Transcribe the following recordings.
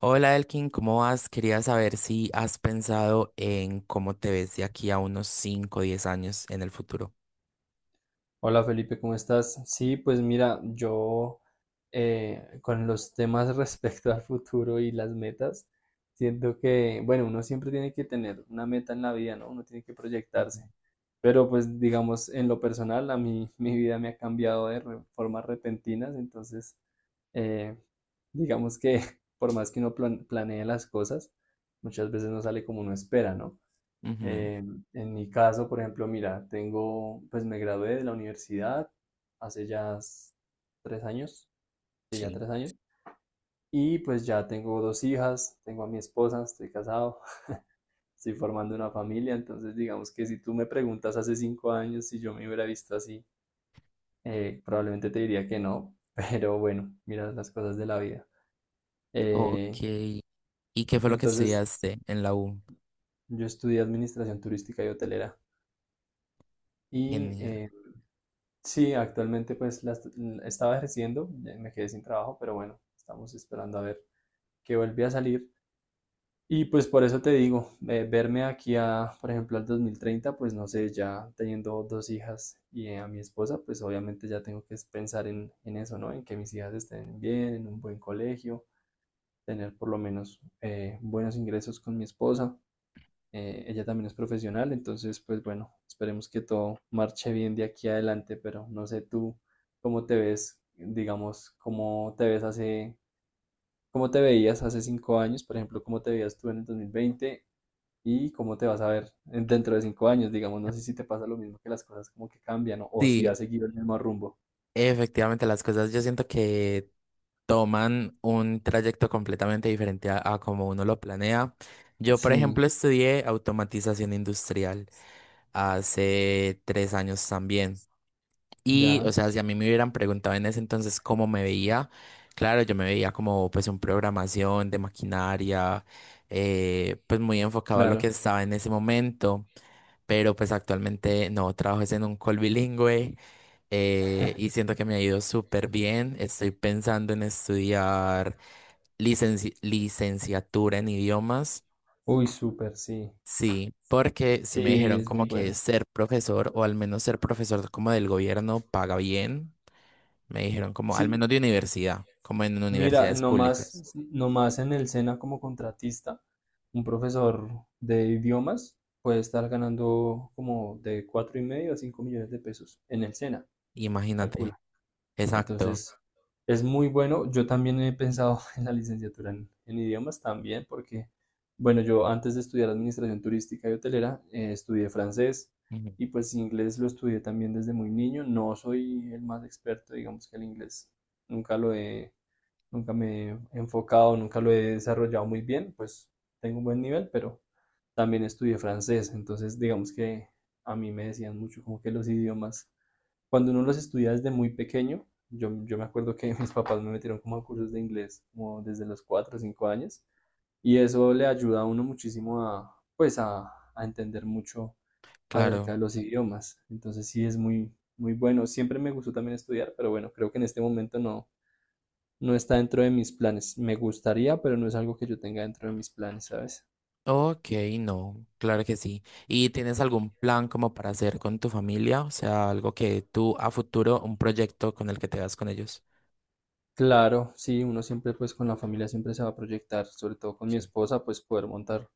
Hola Elkin, ¿cómo vas? Quería saber si has pensado en cómo te ves de aquí a unos cinco o 10 años en el futuro. Hola Felipe, ¿cómo estás? Sí, pues mira, yo con los temas respecto al futuro y las metas, siento que, bueno, uno siempre tiene que tener una meta en la vida, ¿no? Uno tiene que Ujú, proyectarse. Pero pues digamos, en lo personal, a mí mi vida me ha cambiado de formas repentinas, entonces, eh, digamos que por más que uno planee las cosas, muchas veces no sale como uno espera, ¿no? ujú, Eh, en mi caso, por ejemplo, mira, tengo, pues me gradué de la universidad hace ya 3 años, sí, ya sí. 3 años, y pues ya tengo dos hijas, tengo a mi esposa, estoy casado, estoy formando una familia, entonces digamos que si tú me preguntas hace 5 años si yo me hubiera visto así, probablemente te diría que no, pero bueno, mira las cosas de la vida. Eh, Ok. ¿Y qué fue lo que entonces, estudiaste en la U? yo estudié administración turística y hotelera y Genial. eh, sí, actualmente pues la estaba ejerciendo, ya me quedé sin trabajo, pero bueno, estamos esperando a ver que vuelve a salir. Y pues por eso te digo, verme aquí a, por ejemplo, al 2030, pues no sé, ya teniendo dos hijas y a mi esposa, pues obviamente ya tengo que es pensar en eso, ¿no? En que mis hijas estén bien, en un buen colegio, tener por lo menos buenos ingresos con mi esposa. Ella también es profesional, entonces, pues bueno, esperemos que todo marche bien de aquí adelante, pero no sé tú cómo te ves, digamos, cómo te ves hace, cómo te veías hace 5 años, por ejemplo, cómo te veías tú en el 2020 y cómo te vas a ver dentro de 5 años, digamos, no sé si te pasa lo mismo que las cosas como que cambian o si Sí, has seguido el mismo rumbo. efectivamente las cosas yo siento que toman un trayecto completamente diferente a como uno lo planea. Yo, por Sí, ejemplo, estudié automatización industrial hace 3 años también. Y, o ya, sea, si a mí me hubieran preguntado en ese entonces cómo me veía, claro, yo me veía como pues un programación de maquinaria, pues muy enfocado a lo que claro. estaba en ese momento. Pero pues actualmente no, trabajo es en un call bilingüe y siento que me ha ido súper bien. Estoy pensando en estudiar licenciatura en idiomas, Uy, súper, sí. sí, porque sí me Sí, dijeron es como muy que bueno. ser profesor o al menos ser profesor como del gobierno paga bien. Me dijeron como al Sí, menos de universidad, como en mira, universidades nomás, públicas. nomás en el SENA como contratista, un profesor de idiomas puede estar ganando como de 4,5 a 5 millones de pesos en el SENA. Imagínate, exacto. Entonces, es muy bueno. Yo también he pensado en la licenciatura en idiomas también, porque, bueno, yo antes de estudiar administración turística y hotelera, estudié francés Ujú. y pues inglés lo estudié también desde muy niño. No soy el más experto, digamos que el inglés nunca lo he, nunca me he enfocado, nunca lo he desarrollado muy bien, pues tengo un buen nivel, pero también estudié francés, entonces digamos que a mí me decían mucho como que los idiomas cuando uno los estudia desde muy pequeño, yo me acuerdo que mis papás me metieron como a cursos de inglés como desde los 4 o 5 años y eso le ayuda a uno muchísimo a, pues a entender mucho acerca Claro. de los idiomas. Entonces sí es muy, muy bueno. Siempre me gustó también estudiar, pero bueno, creo que en este momento no está dentro de mis planes. Me gustaría, pero no es algo que yo tenga dentro de mis planes, ¿sabes? Ok, no, claro que sí. ¿Y tienes algún plan como para hacer con tu familia? O sea, algo que tú a futuro, un proyecto con el que te vas con ellos. Claro, sí, uno siempre pues con la familia siempre se va a proyectar, sobre todo con mi Sí. esposa, pues poder montar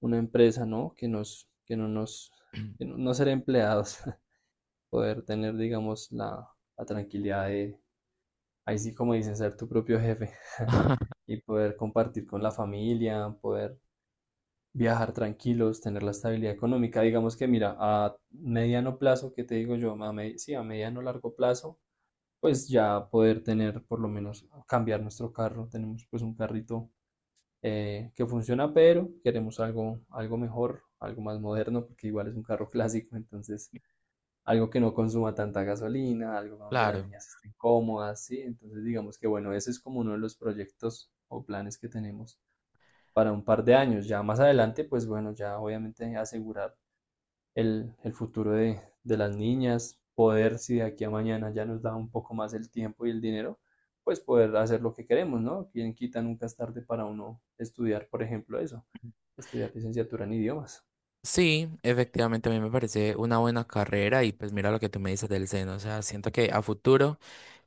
una empresa, ¿no? Que nos, que no, no ser empleados, poder tener, digamos, la tranquilidad de, ahí sí como dicen, ser tu propio jefe y poder compartir con la familia, poder viajar tranquilos, tener la estabilidad económica. Digamos que, mira, a mediano plazo, ¿que te digo yo? Sí, a mediano largo plazo, pues ya poder tener por lo menos cambiar nuestro carro. Tenemos pues un carrito que funciona, pero queremos algo, algo mejor, algo más moderno, porque igual es un carro clásico, entonces algo que no consuma tanta gasolina, algo donde las Claro. niñas estén cómodas, ¿sí? Entonces digamos que bueno, ese es como uno de los proyectos o planes que tenemos para un par de años. Ya más adelante, pues bueno, ya obviamente asegurar el futuro de las niñas, poder, si de aquí a mañana ya nos da un poco más el tiempo y el dinero, pues poder hacer lo que queremos, ¿no? Quien quita nunca es tarde para uno estudiar, por ejemplo, eso, estudiar licenciatura en idiomas. Sí, efectivamente a mí me parece una buena carrera y pues mira lo que tú me dices del seno, o sea, siento que a futuro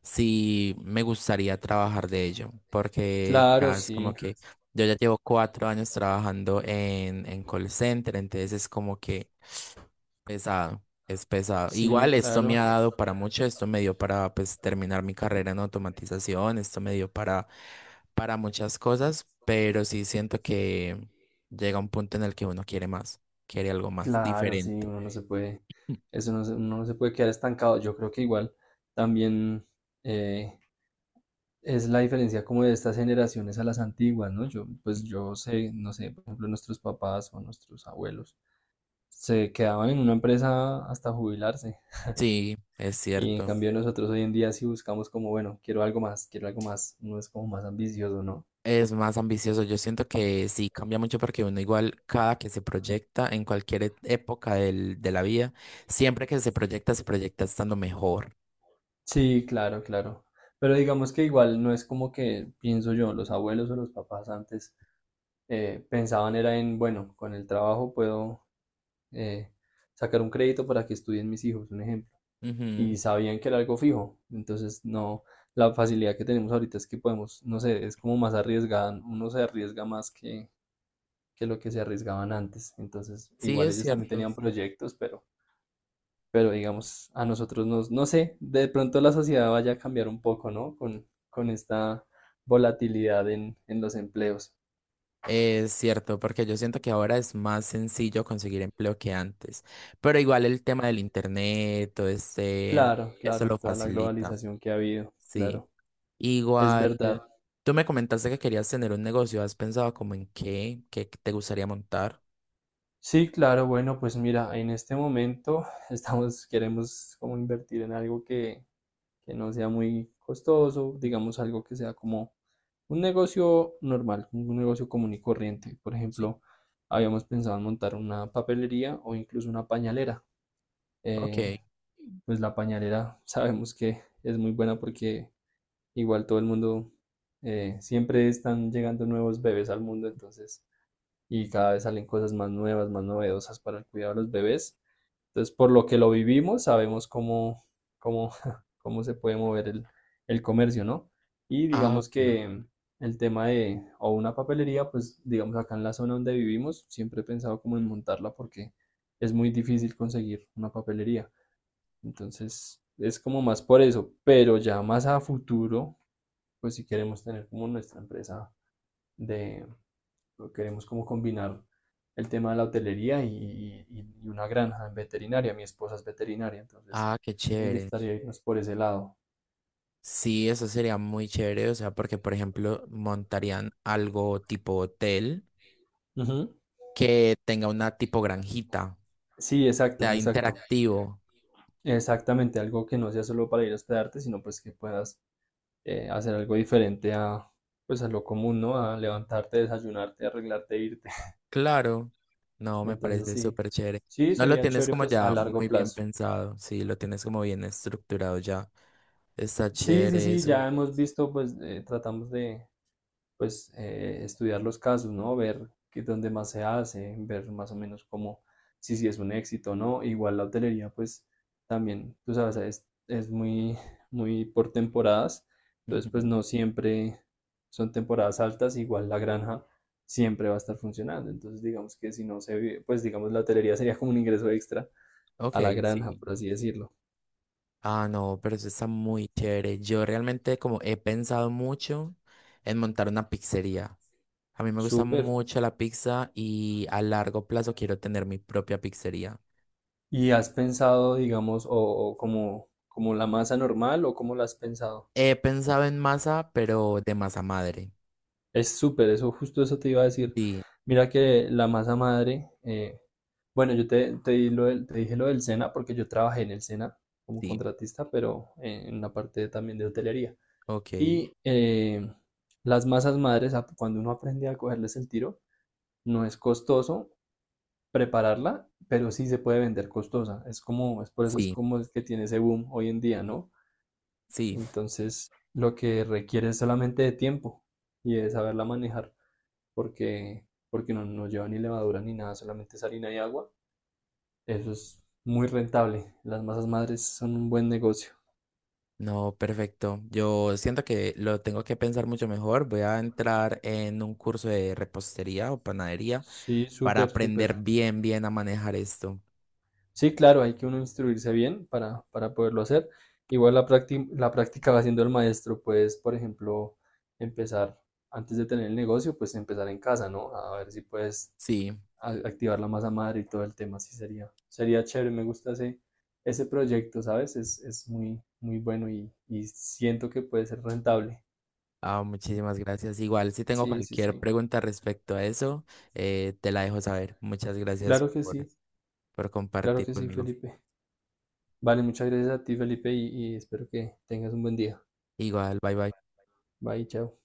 sí me gustaría trabajar de ello, porque Claro, ya es como sí, que yo ya llevo 4 años trabajando en call center, entonces es como que pesado, es pesado. sí, Igual esto me claro, ha dado para mucho, esto me dio para pues terminar mi carrera en automatización, esto me dio para muchas cosas, pero sí siento que llega un punto en el que uno quiere más, quiere algo más claro, sí, diferente. uno no se puede, eso no se, uno no se puede quedar estancado. Yo creo que igual también eh, es la diferencia como de estas generaciones a las antiguas, ¿no? Yo, pues yo sé, no sé, por ejemplo, nuestros papás o nuestros abuelos se quedaban en una empresa hasta jubilarse. Sí, es Y en cierto. cambio nosotros hoy en día sí buscamos como, bueno, quiero algo más, no es como más ambicioso, ¿no? Es más ambicioso. Yo siento que sí cambia mucho porque uno igual cada que se proyecta en cualquier época de la vida, siempre que se proyecta estando mejor. Sí, claro, claro. Pero digamos que igual no es como que, pienso yo, los abuelos o los papás antes pensaban era en, bueno, con el trabajo puedo eh, sacar un crédito para que estudien mis hijos, un ejemplo. Y Ujú, sabían que era algo fijo. Entonces, no, la facilidad que tenemos ahorita es que podemos, no sé, es como más arriesgada, uno se arriesga más que lo que se arriesgaban antes. Entonces, sí, igual es ellos también cierto. tenían proyectos, pero digamos, a nosotros nos, no sé, de pronto la sociedad vaya a cambiar un poco, ¿no? Con esta volatilidad en los empleos. Es cierto, porque yo siento que ahora es más sencillo conseguir empleo que antes, pero igual el tema del internet, todo este Claro, eso claro, lo toda la facilita, globalización que ha habido, sí. claro, es Igual, verdad. tú me comentaste que querías tener un negocio, ¿has pensado como en qué, qué te gustaría montar? Sí, claro, bueno, pues mira, en este momento estamos, queremos como invertir en algo que no sea muy costoso, Mm, digamos algo que sea como un negocio normal, un negocio común y corriente. Por sí. ejemplo, habíamos pensado en montar una papelería o incluso una pañalera. Ok, Eh, pues la pañalera sabemos que es muy buena porque igual todo el mundo, siempre están llegando nuevos bebés al mundo, entonces, y cada vez salen cosas más nuevas, más novedosas para el cuidado de los bebés. Entonces, por lo que lo vivimos, sabemos cómo, cómo, cómo se puede mover el comercio, ¿no? Y ah, digamos ok, que el tema de, o una papelería, pues digamos acá en la zona donde vivimos, siempre he pensado como en montarla porque es muy difícil conseguir una papelería. Entonces, es como más por eso, pero ya más a futuro, pues si queremos tener como nuestra empresa de, queremos como combinar el tema de la hotelería y una granja en veterinaria. Mi esposa es veterinaria, entonces ah, qué nos chévere. gustaría irnos por ese lado. Sí, eso sería muy chévere, o sea, porque por ejemplo montarían algo tipo hotel Ujú. que tenga una tipo granjita, Sí, o exacto, sea exacto. interactivo. Exactamente, algo que no sea solo para ir a hospedarte, sino pues que puedas hacer algo diferente a, pues a lo común, ¿no? A levantarte, desayunarte, arreglarte, irte. Claro, no, me Entonces parece sí, súper chévere. sí, No lo sería tienes chévere como pues a ya largo muy bien plazo. pensado, sí, lo tienes como bien estructurado ya. Está Sí, sí, chévere sí, eso. ya hemos visto, pues tratamos de, pues estudiar los casos, ¿no? Ver qué, dónde más se hace, ver más o menos cómo, si es un éxito o no. Igual la hotelería, pues también, tú sabes, es muy, muy por temporadas, entonces pues Ujú. no siempre son temporadas altas, igual la granja siempre va a estar funcionando, entonces digamos que si no se vive, pues digamos la hotelería sería como un ingreso extra Ok, a la granja, sí. por así decirlo. Ah, no, pero eso está muy chévere. Yo realmente como he pensado mucho en montar una pizzería. A mí me gusta Súper. mucho la pizza y a largo plazo quiero tener mi propia pizzería. ¿Y has pensado, digamos, o como la masa normal o cómo la has pensado? He pensado en masa, pero de masa madre. Es súper, eso, justo eso te iba a decir. Sí, Mira que la masa madre, bueno, yo te, di lo te dije lo del SENA porque yo trabajé en el SENA como sí, contratista, pero en la parte también de hotelería. ok. Y las masas madres, cuando uno aprende a cogerles el tiro, no es costoso prepararla, pero sí se puede vender costosa. Es como, es por eso es Sí, como es que tiene ese boom hoy en día, ¿no? sí. Entonces, lo que requiere es solamente de tiempo y de saberla manejar, porque, porque no lleva ni levadura ni nada, solamente es harina y agua. Eso es muy rentable. Las masas madres son un buen negocio. No, perfecto. Yo siento que lo tengo que pensar mucho mejor. Voy a entrar en un curso de repostería o panadería Sí, para súper, súper. aprender bien, bien a manejar esto. Sí, claro, hay que uno instruirse bien para poderlo hacer. Igual la práctica va siendo el maestro. Puedes, por ejemplo, empezar antes de tener el negocio, pues empezar en casa, ¿no? A ver si puedes Sí. activar la masa madre y todo el tema, sí sería chévere, me gusta ese proyecto, ¿sabes? Es muy, muy bueno y siento que puede ser rentable. Ah, muchísimas gracias. Igual, si tengo Sí, sí, cualquier sí. pregunta respecto a eso, te la dejo saber. Muchas gracias Claro que sí, por claro compartir que sí, conmigo. Felipe. Vale, muchas gracias a ti, Felipe, y espero que tengas un buen día. Igual, bye bye. Bye, chao.